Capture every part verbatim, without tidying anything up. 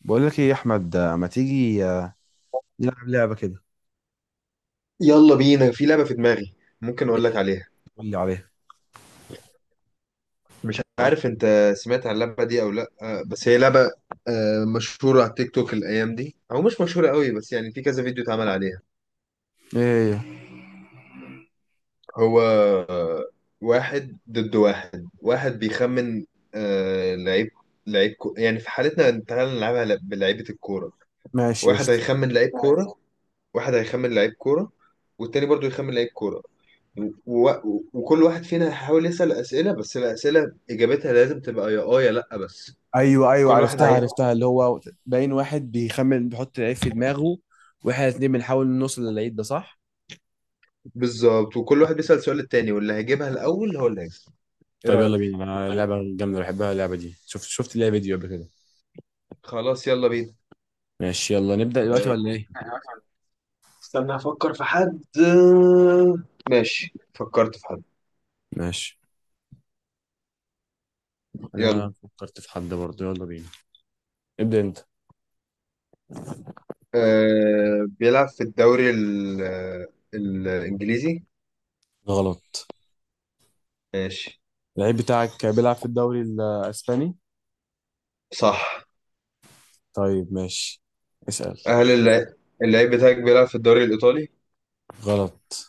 بقول لك ايه يا احمد، آه، ما تيجي آه، نلعب لعبه كده. يلا بينا في لعبة في دماغي. ممكن أقول لك ايه، عليها؟ قول لي عليها. مش عارف أنت سمعت عن اللعبة دي أو لأ، آه، بس هي لعبة آه، مشهورة على التيك توك الأيام دي أو مش مشهورة قوي، بس يعني في كذا فيديو اتعمل عليها. ايه هي؟ هو واحد ضد واحد. واحد بيخمن آه، لعيب. لعيب كو... يعني في حالتنا تعالى نلعبها ل- بلعيبة الكورة. ماشي، واحد قشطة. هيخمن لعيب كورة، واحد هيخمن لعيب كورة والتاني برضو يخمن لعيب كورة. و... و... وكل واحد فينا هيحاول يسأل أسئلة، بس الأسئلة إجابتها لازم تبقى يا آه يا لأ بس. ايوه، ايوه، كل واحد هي... عرفتها ايوه، عرفتها اللي هو، باين واحد بيخمن بيحط لعيب في دماغه، واحنا الاتنين بنحاول نوصل للعيب ده، صح؟ بالظبط. وكل واحد بيسأل سؤال التاني واللي هيجيبها الأول هو اللي هيكسب. إيه طيب رأيك؟ يلا بينا، انا طيب. لعبة جامدة بحبها اللعبة دي، شفت شفت ليها فيديو قبل كده. خلاص يلا بينا. ماشي، يلا نبدأ دلوقتي آه، ولا ايه؟ استنى افكر في حد. ماشي، فكرت في حد. ماشي، انا يلا. فكرت في حد برضه، يلا بينا. ابدأ انت. أه... بيلعب في الدوري ال... الإنجليزي. غلط. ماشي. اللعيب بتاعك بيلعب في الدوري الاسباني؟ صح. طيب، ماشي. اسأل. هل اللعيب اللعيب بتاعك بيلعب في الدوري الإيطالي؟ غلط.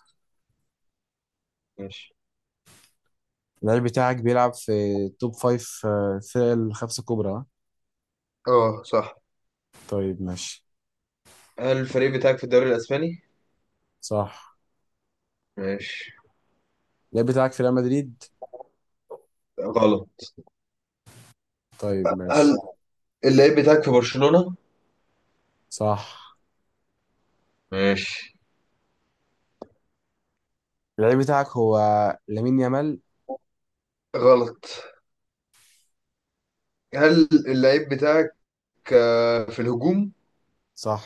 ماشي. اللعيب بتاعك بيلعب في توب فايف، آه، الفرق الخمسة الكبرى، ها؟ اه صح. طيب، ماشي. هل الفريق بتاعك في الدوري الاسباني؟ صح. ماشي. اللعيب بتاعك في ريال مدريد؟ غلط. طيب، هل ماشي. اللعيب بتاعك في برشلونة؟ صح. ماشي. اللعيب بتاعك هو لامين يامال؟ غلط. هل اللعيب بتاعك آه، في الهجوم؟ صح.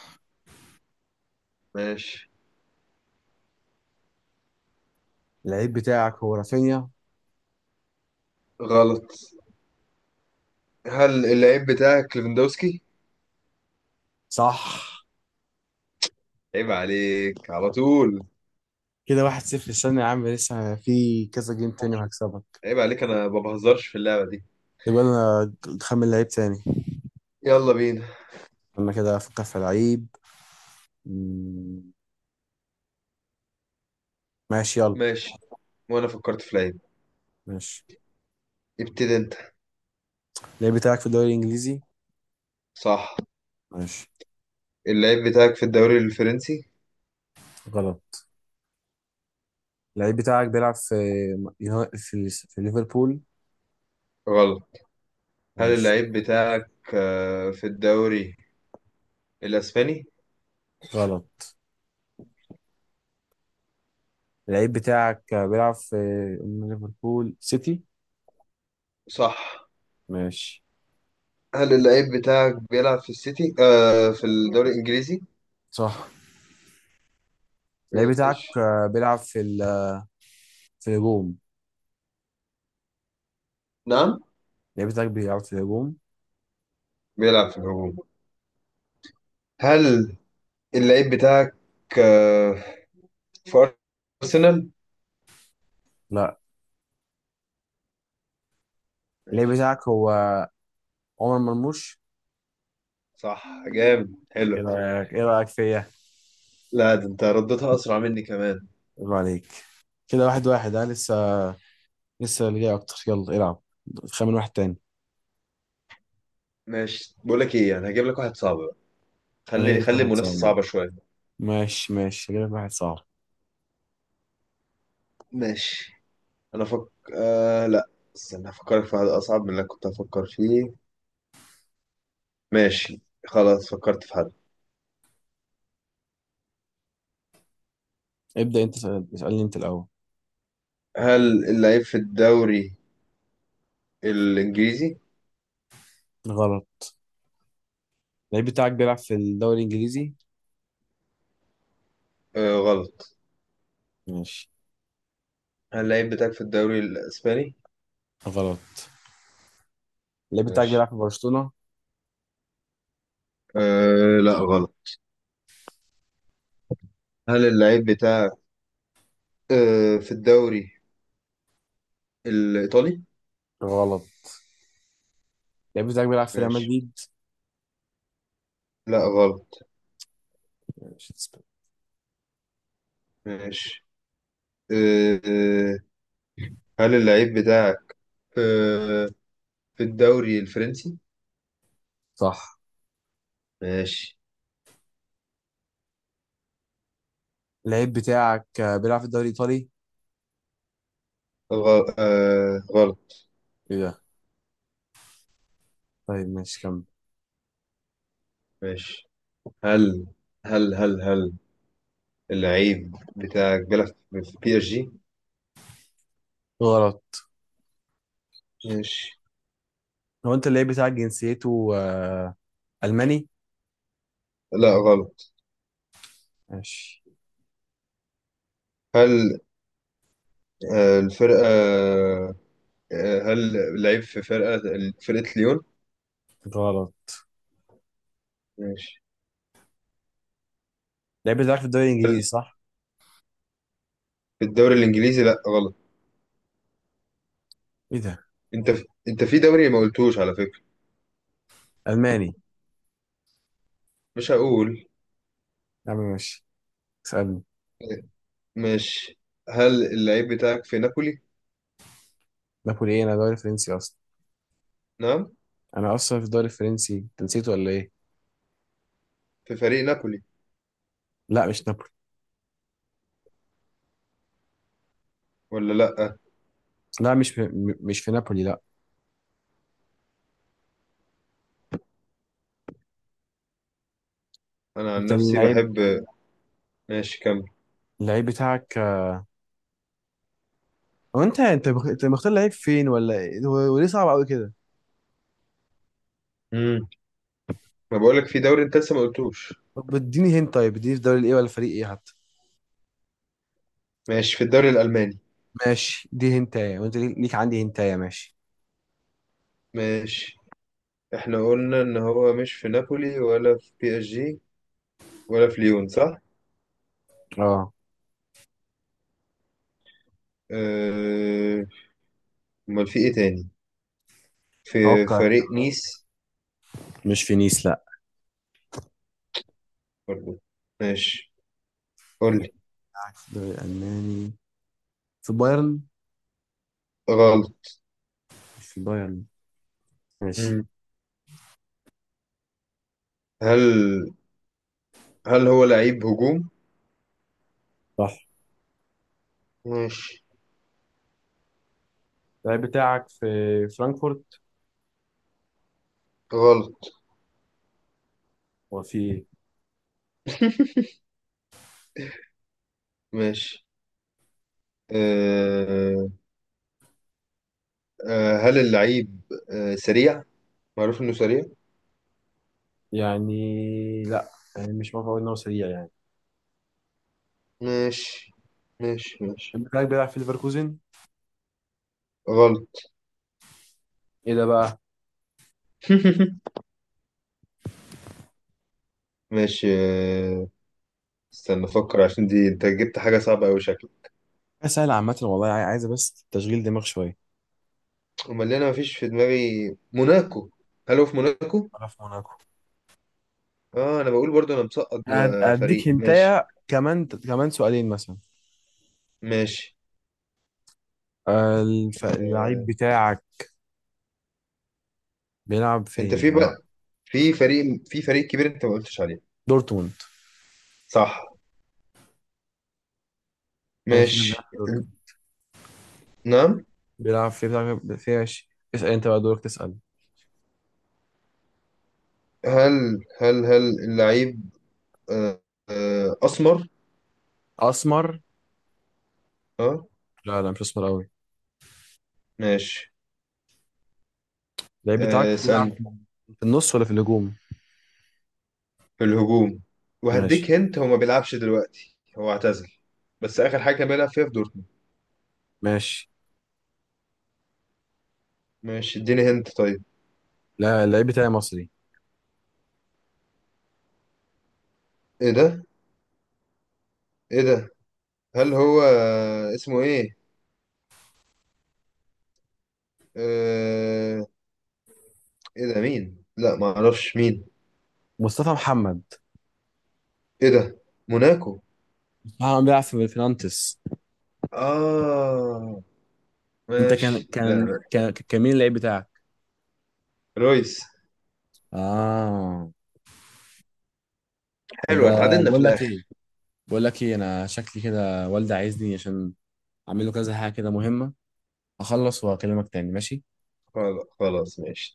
ماشي. اللعيب بتاعك هو رافينيا؟ غلط. هل اللعيب بتاعك ليفاندوسكي؟ صح. عيب عليك على طول. كده واحد صفر، استنى يا عم، لسه في كذا جيم تاني وهكسبك. عيب عليك، انا ما بهزرش في اللعبة دي. يبقى انا خمن لعيب تاني. يلا بينا. انا كده افكر في لعيب. مم، ماشي، يلا. ماشي، وانا فكرت في لعيب. ماشي. ابتدي انت. اللعيب بتاعك في الدوري الانجليزي؟ صح. ماشي. اللعيب بتاعك في الدوري الفرنسي؟ غلط. اللعيب بتاعك بيلعب في يوناي- في في ليفربول؟ غلط. هل ماشي. اللعيب بتاعك آه، في الدوري الاسباني؟ غلط. اللعيب بتاعك بيلعب في من ليفربول سيتي؟ صح. ماشي. هل اللعيب بتاعك بيلعب في السيتي آه في الدوري الإنجليزي؟ صح. اللعيب بتاعك ماشي. بيلعب في ال... في الهجوم؟ نعم. اللعيب بتاعك بيلعب في الهجوم؟ بيلعب في الهجوم. هل اللعيب بتاعك آه في أرسنال؟ لا. اللعيب ماشي. بتاعك هو عمر مرموش؟ صح، جامد، حلو. ايه رأيك ايه رأيك فيا؟ لا، ده انت ردتها أسرع مني كمان. عيب عليك. كده واحد واحد، ها، لسه لسه اللي جاي اكتر، يلا العب. خمن واحد تاني. ماشي، بقول لك ايه، انا هجيب لك واحد صعب بقى. وانا جايب خلي لك خلي واحد المنافسة صعب. صعبة شوية. ماشي، ماشي، جايب لك واحد صعب. ماشي. انا فك آه لا، استنى هفكرك في حد أصعب من اللي أنا كنت هفكر فيه. ماشي، خلاص فكرت في حد. ابدأ انت، اسأل- اسألني انت الاول. هل اللعيب في الدوري الإنجليزي؟ غلط. اللعيب بتاعك بيلعب في الدوري الانجليزي؟ آه غلط. ماشي. هل اللعيب بتاعك في الدوري الإسباني؟ غلط. اللعيب بتاعك ماشي. بيلعب في برشلونة؟ آه لا غلط. هل اللعيب بتاعك آه في الدوري الإيطالي؟ غلط. اللعيب بتاعك بيلعب في ريال ماشي. مدريد؟ لا غلط. ماشي. ماشي. آه آه، هل اللعيب بتاعك آه في الدوري الفرنسي؟ صح. ماشي. اللعيب بتاعك آه، بيلعب في الدوري الايطالي؟ غل... آه غلط. ايه ده. طيب، ماشي، كمل. ماشي. هل هل هل هل اللعيب بتاعك بيلعب في بي اس جي؟ غلط. ماشي. هو انت اللعيب بتاعك جنسيته آه، الماني؟ لا غلط. ماشي. هل آه الفرقة، آه، هل لعب في فرقة فرقة ليون؟ غلط. ماشي. اللعيب بتاعك في الدوري الانجليزي، صح؟ في الدوري الإنجليزي؟ لأ غلط. ايه ده. أنت في... أنت في دوري ما قلتوش على فكرة. الماني. مش هقول. يا عم ماشي. اسالني. ماشي. هل اللعيب بتاعك في نابولي؟ نابولي ايه؟ انا دوري فرنسي اصلا. نعم. انا اصلا في الدوري الفرنسي، انت نسيته ولا ايه؟ في فريق نابولي لا، مش نابولي. ولا لأ؟ لا، مش في- م- مش في نابولي، لا. أنا عن انت نفسي اللعيب. بحب. ماشي كمل. اللعيب بتاعك آه، هو انت انت مخ- انت مختار لعيب فين ولا ايه؟ هو- وليه صعب قوي كده. امم ما بقولك في دوري أنت لسه ما قلتوش. طب اديني هنت، طيب، اديني في دوري ايه ولا فريق ايه حتى. ماشي، في الدوري الألماني. ماشي، دي هنتايه، وانت ليك ليك عندي هنتايه، ماشي. ماشي. احنا قلنا إن هو مش في نابولي ولا في بي اس جي ولا في ليون، صح؟ اه. أه... أمال في إيه تاني؟ في توقع. فريق نيس؟ مش في نيس، لا. برضو. ماشي، قول لي. بتاعك في الدوري الالماني، في بايرن؟ غلط. مش في بايرن. ماشي. مم. هل هل هو لعيب هجوم؟ صح. ماشي. اللعيب بتاعك في فرانكفورت؟ غلط. هو في ايه؟ ماشي. أه... أه... هل اللعيب أه... سريع؟ معروف إنه سريع؟ يعني لا. يعني مش بعرف اقول ان هو سريع يعني. ماشي. ماشي ماشي. اللعيب بتاعك بيلعب في ليفركوزن؟ غلط. ايه ده بقى. ماشي. أه... استنى أفكر عشان دي أنت جبت حاجة صعبة أوي شكلك. سهل عامة والله، عاي- عايزة بس تشغيل دماغ شوية. أمال اللي أنا مفيش في دماغي موناكو. هل هو في موناكو؟ ولا في موناكو. آه، أنا بقول برضو. أنا مسقط هد- هديك بفريق. ماشي. هنتايا، كمان كمان سؤالين مثلا. ماشي. آه، الف- اللعيب أه... بتاعك بيلعب أنت فين؟ في آه، بقى، في فريق في فريق كبير انت ما قلتش عليه. دورتموند. صح. ماشي، ماشي. بيلعب في دورتموند. نعم. بيلعب في بيلعب في ماشي. اسأل انت بقى، دورك تسأل. هل هل هل اللعيب آه، آه، اسمر؟ أسمر؟ اه. لا، لا، مش أسمر أوي. ماشي. اللعيب بتاعك آه، بيلعب اسالني. في النص ولا في الهجوم؟ في الهجوم. وهديك ماشي، هنت، هو ما بيلعبش دلوقتي، هو اعتزل. بس اخر حاجه كان بيلعب فيها في دورتموند. ماشي. ماشي، اديني هنت طيب. لا، اللعيب بتاعي مصري. ايه ده، ايه ده. هل هو آه، اسمه ايه؟ آه، ايه ده مين؟ لا، ما اعرفش مين. مصطفى محمد. ايه ده، موناكو؟ مصطفى محمد بيلعب في في نانتس. اه. انت كان ماشي. كان لا. كان كان مين اللعيب بتاعك؟ رويس. اه. طب، حلو، آه، اتعادلنا في بقول لك ايه الاخر. بقول لك ايه انا شكلي كده والدي عايزني عشان اعمل له كذا حاجه كده مهمه، اخلص واكلمك تاني، ماشي؟ خلاص خلاص، ماشي.